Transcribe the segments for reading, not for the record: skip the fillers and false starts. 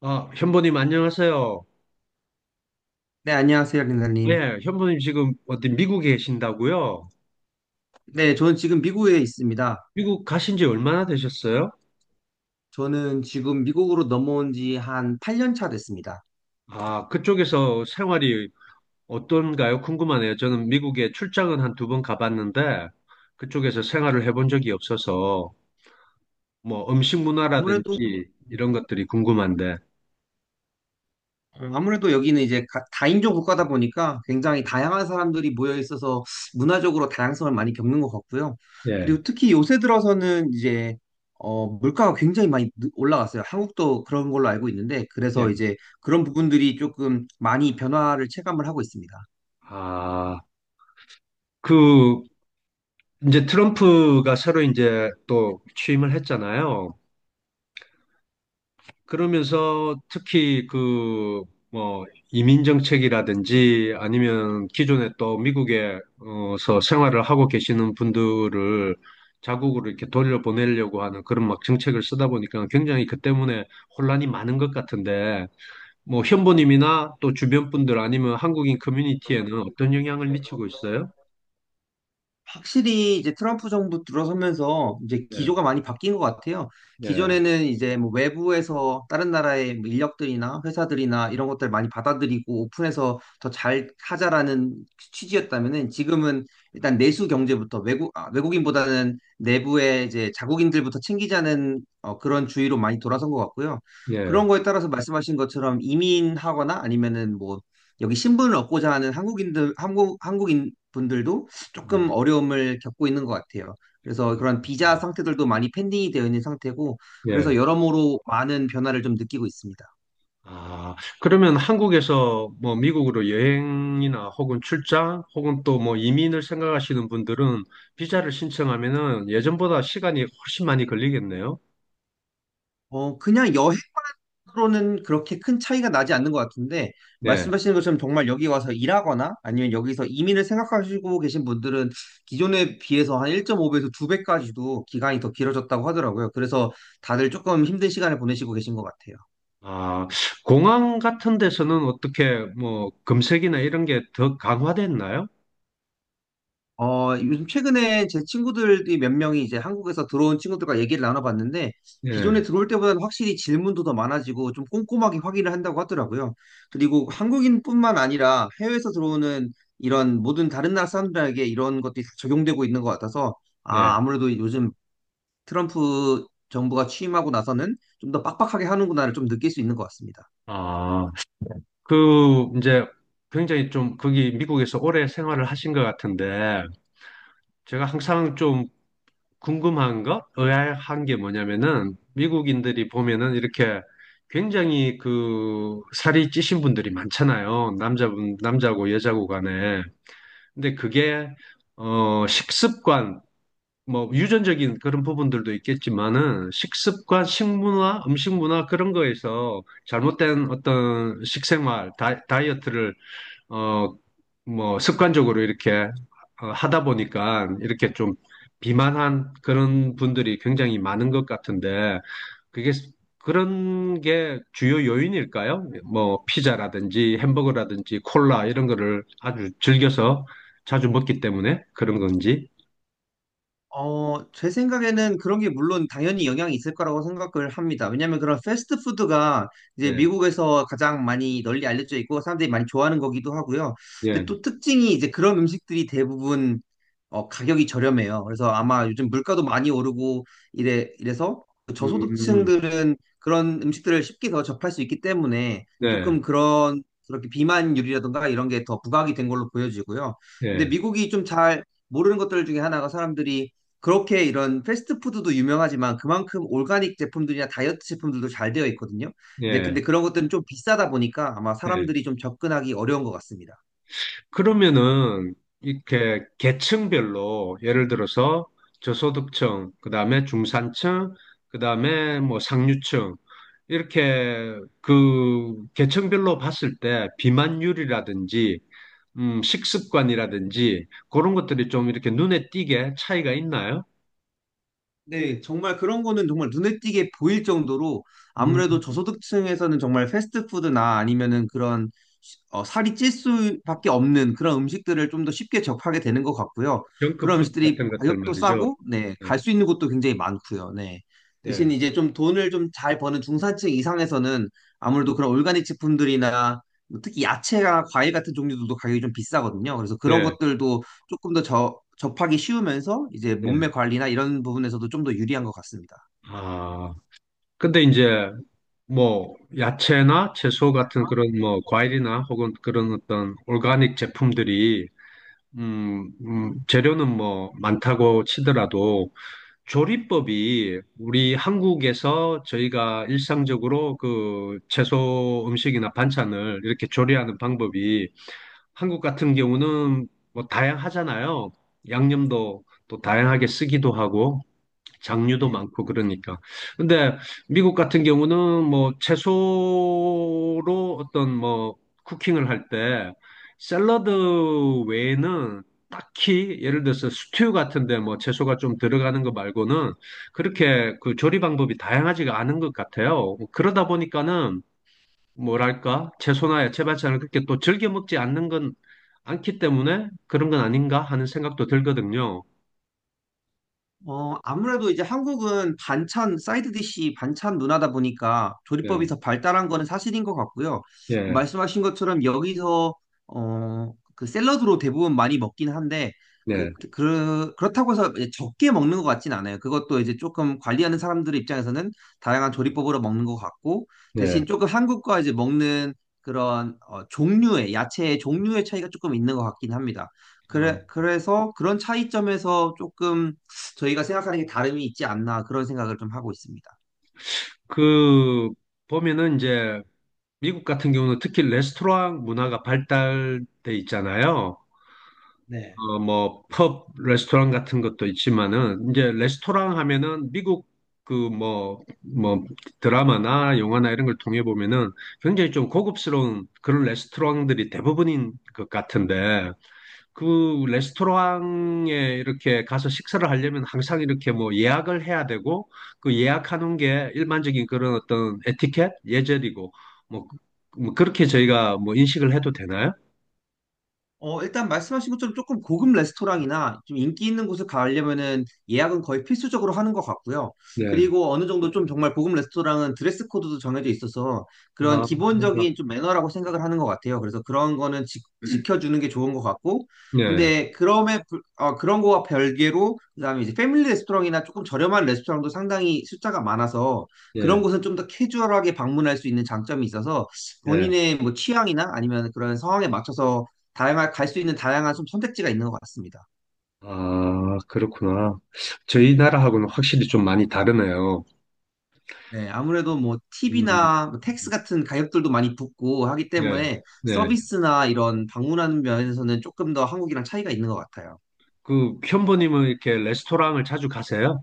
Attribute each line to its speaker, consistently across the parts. Speaker 1: 아, 현보님 안녕하세요.
Speaker 2: 네, 안녕하세요, 린사님.
Speaker 1: 예, 현보님 지금 어디 미국에 계신다고요?
Speaker 2: 네, 저는 지금 미국에 있습니다.
Speaker 1: 미국 가신 지 얼마나 되셨어요?
Speaker 2: 저는 지금 미국으로 넘어온 지 한 8년 차 됐습니다.
Speaker 1: 아, 그쪽에서 생활이 어떤가요? 궁금하네요. 저는 미국에 출장은 한 두 번 가봤는데 그쪽에서 생활을 해본 적이 없어서 뭐 음식
Speaker 2: 아무래도,
Speaker 1: 문화라든지
Speaker 2: 네.
Speaker 1: 이런 것들이 궁금한데.
Speaker 2: 아무래도 여기는 이제 다인종 국가다 보니까 굉장히 다양한 사람들이 모여 있어서 문화적으로 다양성을 많이 겪는 것 같고요.
Speaker 1: 예,
Speaker 2: 그리고 특히 요새 들어서는 이제, 물가가 굉장히 많이 올라갔어요. 한국도 그런 걸로 알고 있는데,
Speaker 1: 예.
Speaker 2: 그래서 이제 그런 부분들이 조금 많이 변화를 체감을 하고 있습니다.
Speaker 1: 아, 그 이제 트럼프가 새로 이제 또 취임을 했잖아요. 그러면서 특히 그 뭐 이민 정책이라든지 아니면 기존에 또 미국에서 생활을 하고 계시는 분들을 자국으로 이렇게 돌려보내려고 하는 그런 막 정책을 쓰다 보니까 굉장히 그 때문에 혼란이 많은 것 같은데 뭐 현보님이나 또 주변 분들 아니면 한국인 커뮤니티에는 어떤 영향을 미치고 있어요?
Speaker 2: 확실히 이제 트럼프 정부 들어서면서 이제
Speaker 1: 예,
Speaker 2: 기조가 많이 바뀐 것 같아요.
Speaker 1: 예,
Speaker 2: 기존에는 이제 뭐 외부에서 다른 나라의 뭐 인력들이나 회사들이나 이런 것들 많이 받아들이고 오픈해서 더 잘 하자라는 취지였다면은 지금은 일단 내수 경제부터 외국, 아, 외국인보다는 내부의 이제 자국인들부터 챙기자는 그런 주의로 많이 돌아선 것 같고요.
Speaker 1: 예,
Speaker 2: 그런 거에 따라서 말씀하신 것처럼 이민하거나 아니면은 뭐 여기 신분을 얻고자 하는 한국인들, 한국인 분들도
Speaker 1: 예,
Speaker 2: 조금 어려움을 겪고 있는 것 같아요. 그래서 그런 비자 상태들도 많이 pending이 되어 있는 상태고,
Speaker 1: 예.
Speaker 2: 그래서 여러모로 많은 변화를 좀 느끼고 있습니다.
Speaker 1: 아, 그러면 한국에서 뭐 미국으로 여행이나 혹은 출장 혹은 또 뭐 이민을 생각하시는 분들은 비자를 신청하면은 예전보다 시간이 훨씬 많이 걸리겠네요.
Speaker 2: 그냥 여행으로는 그렇게 큰 차이가 나지 않는 것 같은데,
Speaker 1: 네.
Speaker 2: 말씀하시는 것처럼 정말 여기 와서 일하거나 아니면 여기서 이민을 생각하시고 계신 분들은 기존에 비해서 한 1.5배에서 2배까지도 기간이 더 길어졌다고 하더라고요. 그래서 다들 조금 힘든 시간을 보내시고 계신 것 같아요.
Speaker 1: 아, 공항 같은 데서는 어떻게 뭐 검색이나 이런 게 더 강화됐나요?
Speaker 2: 요즘 최근에 제 친구들이 몇 명이 이제 한국에서 들어온 친구들과 얘기를 나눠봤는데,
Speaker 1: 예,
Speaker 2: 기존에 들어올 때보다는 확실히 질문도 더 많아지고 좀 꼼꼼하게 확인을 한다고 하더라고요. 그리고 한국인뿐만 아니라 해외에서 들어오는 이런 모든 다른 나라 사람들에게 이런 것들이 다 적용되고 있는 것 같아서,
Speaker 1: 예.
Speaker 2: 아무래도 요즘 트럼프 정부가 취임하고 나서는 좀 더 빡빡하게 하는구나를 좀 느낄 수 있는 것 같습니다.
Speaker 1: 아, 그 이제 굉장히 좀 거기 미국에서 오래 생활을 하신 것 같은데 제가 항상 좀 궁금한 거, 의아한 게 뭐냐면은 미국인들이 보면은 이렇게 굉장히 그 살이 찌신 분들이 많잖아요. 남자분, 남자고 여자고 간에. 근데 그게 식습관 뭐 유전적인 그런 부분들도 있겠지만은 식습관, 식문화, 음식 문화 그런 거에서 잘못된 어떤 식생활, 다, 다이어트를 어, 뭐, 습관적으로 이렇게 하다 보니까 이렇게 좀 비만한 그런 분들이 굉장히 많은 것 같은데, 그게, 스- 그런 게 주요 요인일까요? 뭐, 피자라든지 햄버거라든지 콜라 이런 거를 아주 즐겨서 자주 먹기 때문에 그런 건지.
Speaker 2: 제 생각에는 그런 게 물론 당연히 영향이 있을 거라고 생각을 합니다. 왜냐하면 그런 패스트푸드가 이제
Speaker 1: 네,
Speaker 2: 미국에서 가장 많이 널리 알려져 있고 사람들이 많이 좋아하는 거기도 하고요. 근데
Speaker 1: 예,
Speaker 2: 또 특징이 이제 그런 음식들이 대부분 가격이 저렴해요. 그래서 아마 요즘 물가도 많이 오르고 이래서 그
Speaker 1: 음,
Speaker 2: 저소득층들은 그런 음식들을 쉽게 더 접할 수 있기 때문에
Speaker 1: 네,
Speaker 2: 조금 그런 그렇게 비만율이라든가 이런 게 더 부각이 된 걸로 보여지고요. 근데
Speaker 1: 예,
Speaker 2: 미국이 좀 잘 모르는 것들 중에 하나가 사람들이 그렇게 이런 패스트푸드도 유명하지만 그만큼 올가닉 제품들이나 다이어트 제품들도 잘 되어 있거든요. 근데
Speaker 1: 예,
Speaker 2: 근데 그런 것들은 좀 비싸다 보니까 아마
Speaker 1: 예.
Speaker 2: 사람들이 좀 접근하기 어려운 것 같습니다.
Speaker 1: 그러면은 이렇게 계층별로 예를 들어서 저소득층, 그다음에 중산층, 그다음에 뭐 상류층 이렇게 그 계층별로 봤을 때 비만율이라든지 식습관이라든지 그런 것들이 좀 이렇게 눈에 띄게 차이가 있나요?
Speaker 2: 네, 정말 그런 거는 정말 눈에 띄게 보일 정도로
Speaker 1: 음,
Speaker 2: 아무래도 저소득층에서는 정말 패스트푸드나 아니면은 그런 살이 찔 수밖에 없는 그런 음식들을 좀 더 쉽게 접하게 되는 것 같고요. 그런
Speaker 1: 정크푸드
Speaker 2: 음식들이
Speaker 1: 같은 것들
Speaker 2: 가격도
Speaker 1: 말이죠.
Speaker 2: 싸고, 네,
Speaker 1: 예,
Speaker 2: 갈 수 있는 곳도 굉장히 많고요. 네. 대신
Speaker 1: 예,
Speaker 2: 이제 좀 돈을 좀 잘 버는 중산층 이상에서는 아무래도 그런 올가닉 제품들이나 뭐 특히 야채나 과일 같은 종류들도 가격이 좀 비싸거든요. 그래서 그런
Speaker 1: 예.
Speaker 2: 것들도 조금 더 접하기 쉬우면서 이제
Speaker 1: 예.
Speaker 2: 몸매 관리나 이런 부분에서도 좀 더 유리한 것 같습니다.
Speaker 1: 아, 근데 이제 뭐 야채나 채소 같은 그런 뭐 과일이나 혹은 그런 어떤 오가닉 제품들이 재료는 뭐 많다고 치더라도 조리법이 우리 한국에서 저희가 일상적으로 그 채소 음식이나 반찬을 이렇게 조리하는 방법이 한국 같은 경우는 뭐 다양하잖아요. 양념도 또 다양하게 쓰기도 하고 장류도
Speaker 2: 네.
Speaker 1: 많고 그러니까. 근데 미국 같은 경우는 뭐 채소로 어떤 뭐 쿠킹을 할 때 샐러드 외에는 딱히 예를 들어서 스튜 같은데 뭐 채소가 좀 들어가는 거 말고는 그렇게 그 조리 방법이 다양하지가 않은 것 같아요. 그러다 보니까는 뭐랄까 채소나 야채 반찬을 그렇게 또 즐겨 먹지 않는 건 않기 때문에 그런 건 아닌가 하는 생각도 들거든요.
Speaker 2: 아무래도 이제 한국은 반찬, 사이드 디시 반찬 문화다 보니까 조리법이
Speaker 1: 예,
Speaker 2: 더 발달한 거는 사실인 것 같고요.
Speaker 1: 예,
Speaker 2: 말씀하신 것처럼 여기서, 그 샐러드로 대부분 많이 먹긴 한데,
Speaker 1: 예,
Speaker 2: 그렇다고 해서 이제 적게 먹는 것 같진 않아요. 그것도 이제 조금 관리하는 사람들의 입장에서는 다양한 조리법으로 먹는 것 같고,
Speaker 1: 예.
Speaker 2: 대신 조금 한국과 이제 먹는 그런 종류의, 야채의 종류의 차이가 조금 있는 것 같긴 합니다. 그래, 그래서 그런 차이점에서 조금 저희가 생각하는 게 다름이 있지 않나 그런 생각을 좀 하고 있습니다.
Speaker 1: 그 보면은 이제 미국 같은 경우는 특히 레스토랑 문화가 발달돼 있잖아요.
Speaker 2: 네.
Speaker 1: 뭐, 펍, 레스토랑 같은 것도 있지만은, 이제 레스토랑 하면은 미국 그 뭐, 드라마나 영화나 이런 걸 통해 보면은 굉장히 좀 고급스러운 그런 레스토랑들이 대부분인 것 같은데, 그 레스토랑에 이렇게 가서 식사를 하려면 항상 이렇게 뭐 예약을 해야 되고 그 예약하는 게 일반적인 그런 어떤 에티켓, 예절이고 뭐, 뭐 그렇게 저희가 뭐 인식을 해도 되나요?
Speaker 2: 일단 말씀하신 것처럼 조금 고급 레스토랑이나 좀 인기 있는 곳을 가려면은 예약은 거의 필수적으로 하는 것 같고요.
Speaker 1: 네.
Speaker 2: 그리고 어느 정도 좀 정말 고급 레스토랑은 드레스 코드도 정해져 있어서 그런
Speaker 1: 아, 네,
Speaker 2: 기본적인 좀 매너라고 생각을 하는 것 같아요. 그래서 그런 거는 지켜주는 게 좋은 것 같고.
Speaker 1: 네,
Speaker 2: 근데 그런 거와 별개로 그다음에 이제 패밀리 레스토랑이나 조금 저렴한 레스토랑도 상당히 숫자가 많아서 그런 곳은 좀 더 캐주얼하게 방문할 수 있는 장점이 있어서
Speaker 1: 네.
Speaker 2: 본인의 뭐 취향이나 아니면 그런 상황에 맞춰서 다양한 좀 선택지가 있는 것 같습니다.
Speaker 1: 아, 그렇구나. 저희 나라하고는 확실히 좀 많이 다르네요.
Speaker 2: 네, 아무래도 뭐
Speaker 1: 음,
Speaker 2: 팁이나 뭐 텍스 같은 가격들도 많이 붙고 하기
Speaker 1: 예,
Speaker 2: 때문에
Speaker 1: 네.
Speaker 2: 서비스나 이런 방문하는 면에서는 조금 더 한국이랑 차이가 있는 것 같아요.
Speaker 1: 그 현보님은 이렇게 레스토랑을 자주 가세요?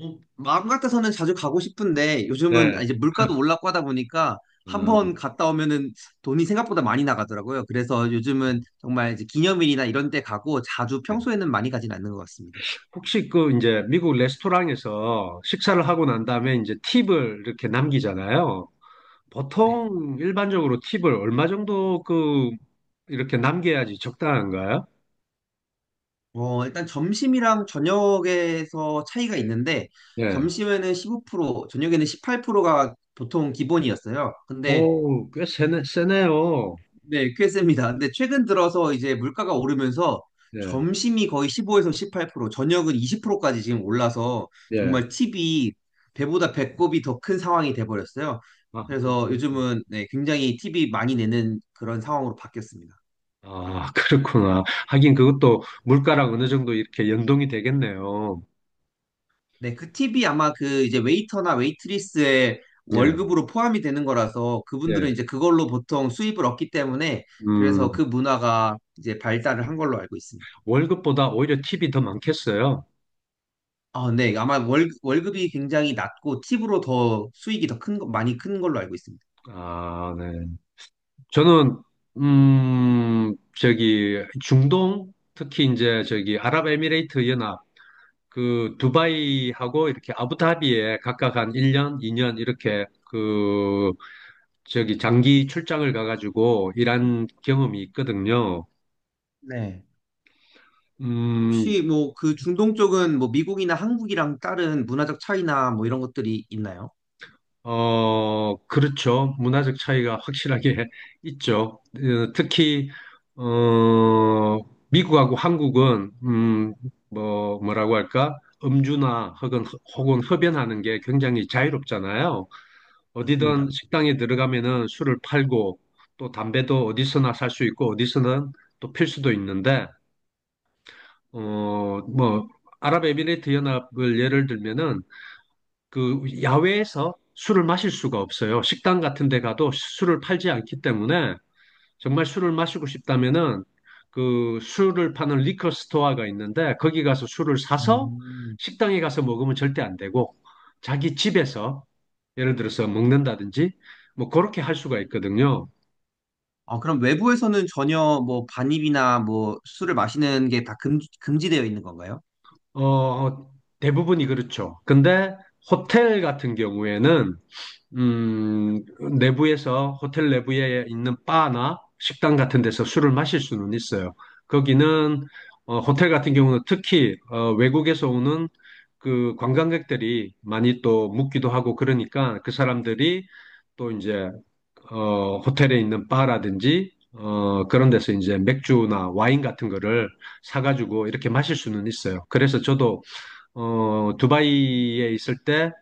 Speaker 2: 마음 같아서는 자주 가고 싶은데
Speaker 1: 네.
Speaker 2: 요즘은 이제 물가도 올랐고 하다 보니까 한
Speaker 1: 아,
Speaker 2: 번 갔다 오면은 돈이 생각보다 많이 나가더라고요. 그래서 요즘은 정말 이제 기념일이나 이런 때 가고 자주
Speaker 1: 네.
Speaker 2: 평소에는 많이 가진 않는 것 같습니다.
Speaker 1: 혹시 그 이제 미국 레스토랑에서 식사를 하고 난 다음에 이제 팁을 이렇게 남기잖아요.
Speaker 2: 네.
Speaker 1: 보통 일반적으로 팁을 얼마 정도 그 이렇게 남겨야지 적당한가요?
Speaker 2: 일단 점심이랑 저녁에서 차이가 있는데,
Speaker 1: 예.
Speaker 2: 점심에는 15%, 저녁에는 18%가 보통 기본이었어요. 근데,
Speaker 1: 오, 꽤 세네요.
Speaker 2: 네, 꽤 셉니다. 근데 최근 들어서 이제 물가가 오르면서
Speaker 1: 예,
Speaker 2: 점심이 거의 15에서 18%, 저녁은 20%까지 지금 올라서
Speaker 1: 예.
Speaker 2: 정말 팁이 배보다 배꼽이 더 큰 상황이 돼버렸어요.
Speaker 1: 아, 아,
Speaker 2: 그래서 요즘은 네, 굉장히 팁이 많이 내는 그런 상황으로 바뀌었습니다.
Speaker 1: 아, 아, 그렇구나. 하긴 그것도 물가랑 어느 정도 이렇게 연동이 되겠네요.
Speaker 2: 네, 그 팁이 아마 그 이제 웨이터나 웨이트리스의
Speaker 1: 예,
Speaker 2: 월급으로 포함이 되는 거라서
Speaker 1: 예.
Speaker 2: 그분들은 이제 그걸로 보통 수입을 얻기 때문에
Speaker 1: 음,
Speaker 2: 그래서 그 문화가 이제 발달을 한 걸로 알고 있습니다.
Speaker 1: 월급보다 오히려 팁이 더 많겠어요.
Speaker 2: 아, 네. 아마 월급이 굉장히 낮고 팁으로 더 수익이 더 많이 큰 걸로 알고 있습니다.
Speaker 1: 아, 네. 저는 저기 중동 특히 이제 저기 아랍에미레이트 연합 그 두바이하고 이렇게 아부다비에 각각 한 1년, 2년 이렇게 그 저기 장기 출장을 가가지고 일한 경험이 있거든요.
Speaker 2: 네.
Speaker 1: 음
Speaker 2: 혹시 뭐 그 중동 쪽은 뭐 미국이나 한국이랑 다른 문화적 차이나 뭐 이런 것들이 있나요?
Speaker 1: 그렇죠. 문화적 차이가 확실하게 있죠. 특히, 어, 미국하고 한국은, 뭐라고 할까? 음주나 혹은, 흡연하는 게 굉장히 자유롭잖아요. 어디든
Speaker 2: 맞습니다.
Speaker 1: 식당에 들어가면은 술을 팔고 또 담배도 어디서나 살 수 있고 어디서는 또 필 수도 있는데, 뭐, 아랍에미레이트 연합을 예를 들면은 그 야외에서 술을 마실 수가 없어요. 식당 같은 데 가도 술을 팔지 않기 때문에 정말 술을 마시고 싶다면은 그 술을 파는 리커 스토어가 있는데 거기 가서 술을 사서
Speaker 2: 음.
Speaker 1: 식당에 가서 먹으면 절대 안 되고 자기 집에서 예를 들어서 먹는다든지 뭐 그렇게 할 수가 있거든요.
Speaker 2: 그럼 외부에서는 전혀 뭐 반입이나 뭐 술을 마시는 게 다 금지되어 있는 건가요?
Speaker 1: 어, 대부분이 그렇죠. 근데 호텔 같은 경우에는 음, 내부에서 호텔 내부에 있는 바나 식당 같은 데서 술을 마실 수는 있어요. 거기는 호텔 같은 경우는 특히 외국에서 오는 그 관광객들이 많이 또 묵기도 하고 그러니까 그 사람들이 또 이제 호텔에 있는 바라든지 그런 데서 이제 맥주나 와인 같은 거를 사가지고 이렇게 마실 수는 있어요. 그래서 저도 두바이에 있을 때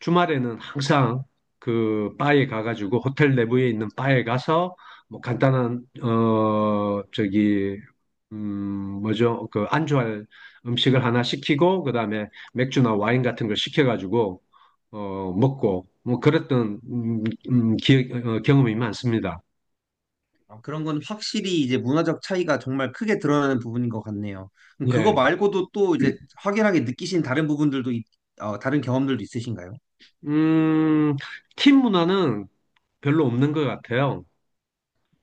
Speaker 1: 주말에는 항상 그 바에 가가지고 호텔 내부에 있는 바에 가서 뭐 간단한 저기 음 뭐죠 그 안주할 음식을 하나 시키고 그다음에 맥주나 와인 같은 걸 시켜가지고 먹고 뭐 그랬던 경험이 많습니다.
Speaker 2: 그런 건 확실히 이제 문화적 차이가 정말 크게 드러나는 부분인 것 같네요. 그럼 그거
Speaker 1: 예.
Speaker 2: 말고도 또 이제 확연하게 느끼신 다른 부분들도, 있- 어, 다른 경험들도 있으신가요?
Speaker 1: 음, 팀 문화는 별로 없는 것 같아요.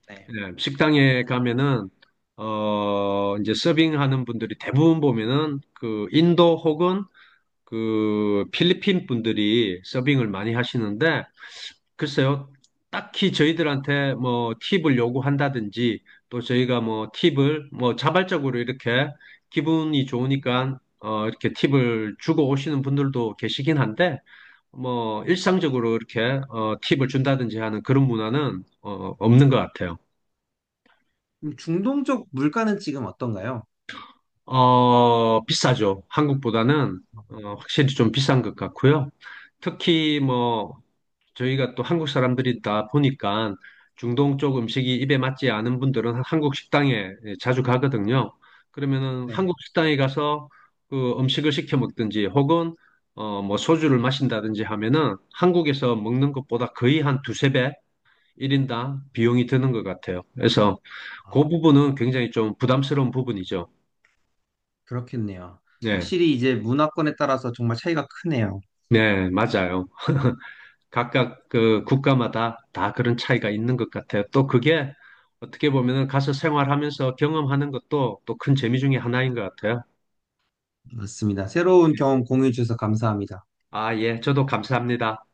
Speaker 2: 네.
Speaker 1: 네, 식당에 가면은 이제 서빙하는 분들이 대부분 보면은 그 인도 혹은 그 필리핀 분들이 서빙을 많이 하시는데 글쎄요 딱히 저희들한테 뭐 팁을 요구한다든지 또 저희가 뭐 팁을 뭐 자발적으로 이렇게 기분이 좋으니까 이렇게 팁을 주고 오시는 분들도 계시긴 한데 뭐 일상적으로 이렇게 팁을 준다든지 하는 그런 문화는 없는 것 같아요.
Speaker 2: 그럼 중동적 물가는 지금 어떤가요?
Speaker 1: 비싸죠. 한국보다는 확실히 좀 비싼 것 같고요. 특히 뭐 저희가 또 한국 사람들이다 보니까 중동 쪽 음식이 입에 맞지 않은 분들은 한국 식당에 예, 자주 가거든요. 그러면은
Speaker 2: 네.
Speaker 1: 한국 식당에 가서 그 음식을 시켜 먹든지 혹은 뭐 소주를 마신다든지 하면은 한국에서 먹는 것보다 거의 한 두세 배 1인당 비용이 드는 것 같아요. 그래서
Speaker 2: 아,
Speaker 1: 그 부분은 굉장히 좀 부담스러운 부분이죠.
Speaker 2: 그렇겠네요.
Speaker 1: 네.
Speaker 2: 확실히 이제 문화권에 따라서 정말 차이가 크네요.
Speaker 1: 네, 맞아요. 각각 그 국가마다 다 그런 차이가 있는 것 같아요. 또 그게 어떻게 보면은 가서 생활하면서 경험하는 것도 또 큰 재미 중에 하나인 것 같아요.
Speaker 2: 맞습니다. 새로운 경험 공유해 주셔서 감사합니다.
Speaker 1: 아, 예, 저도 감사합니다.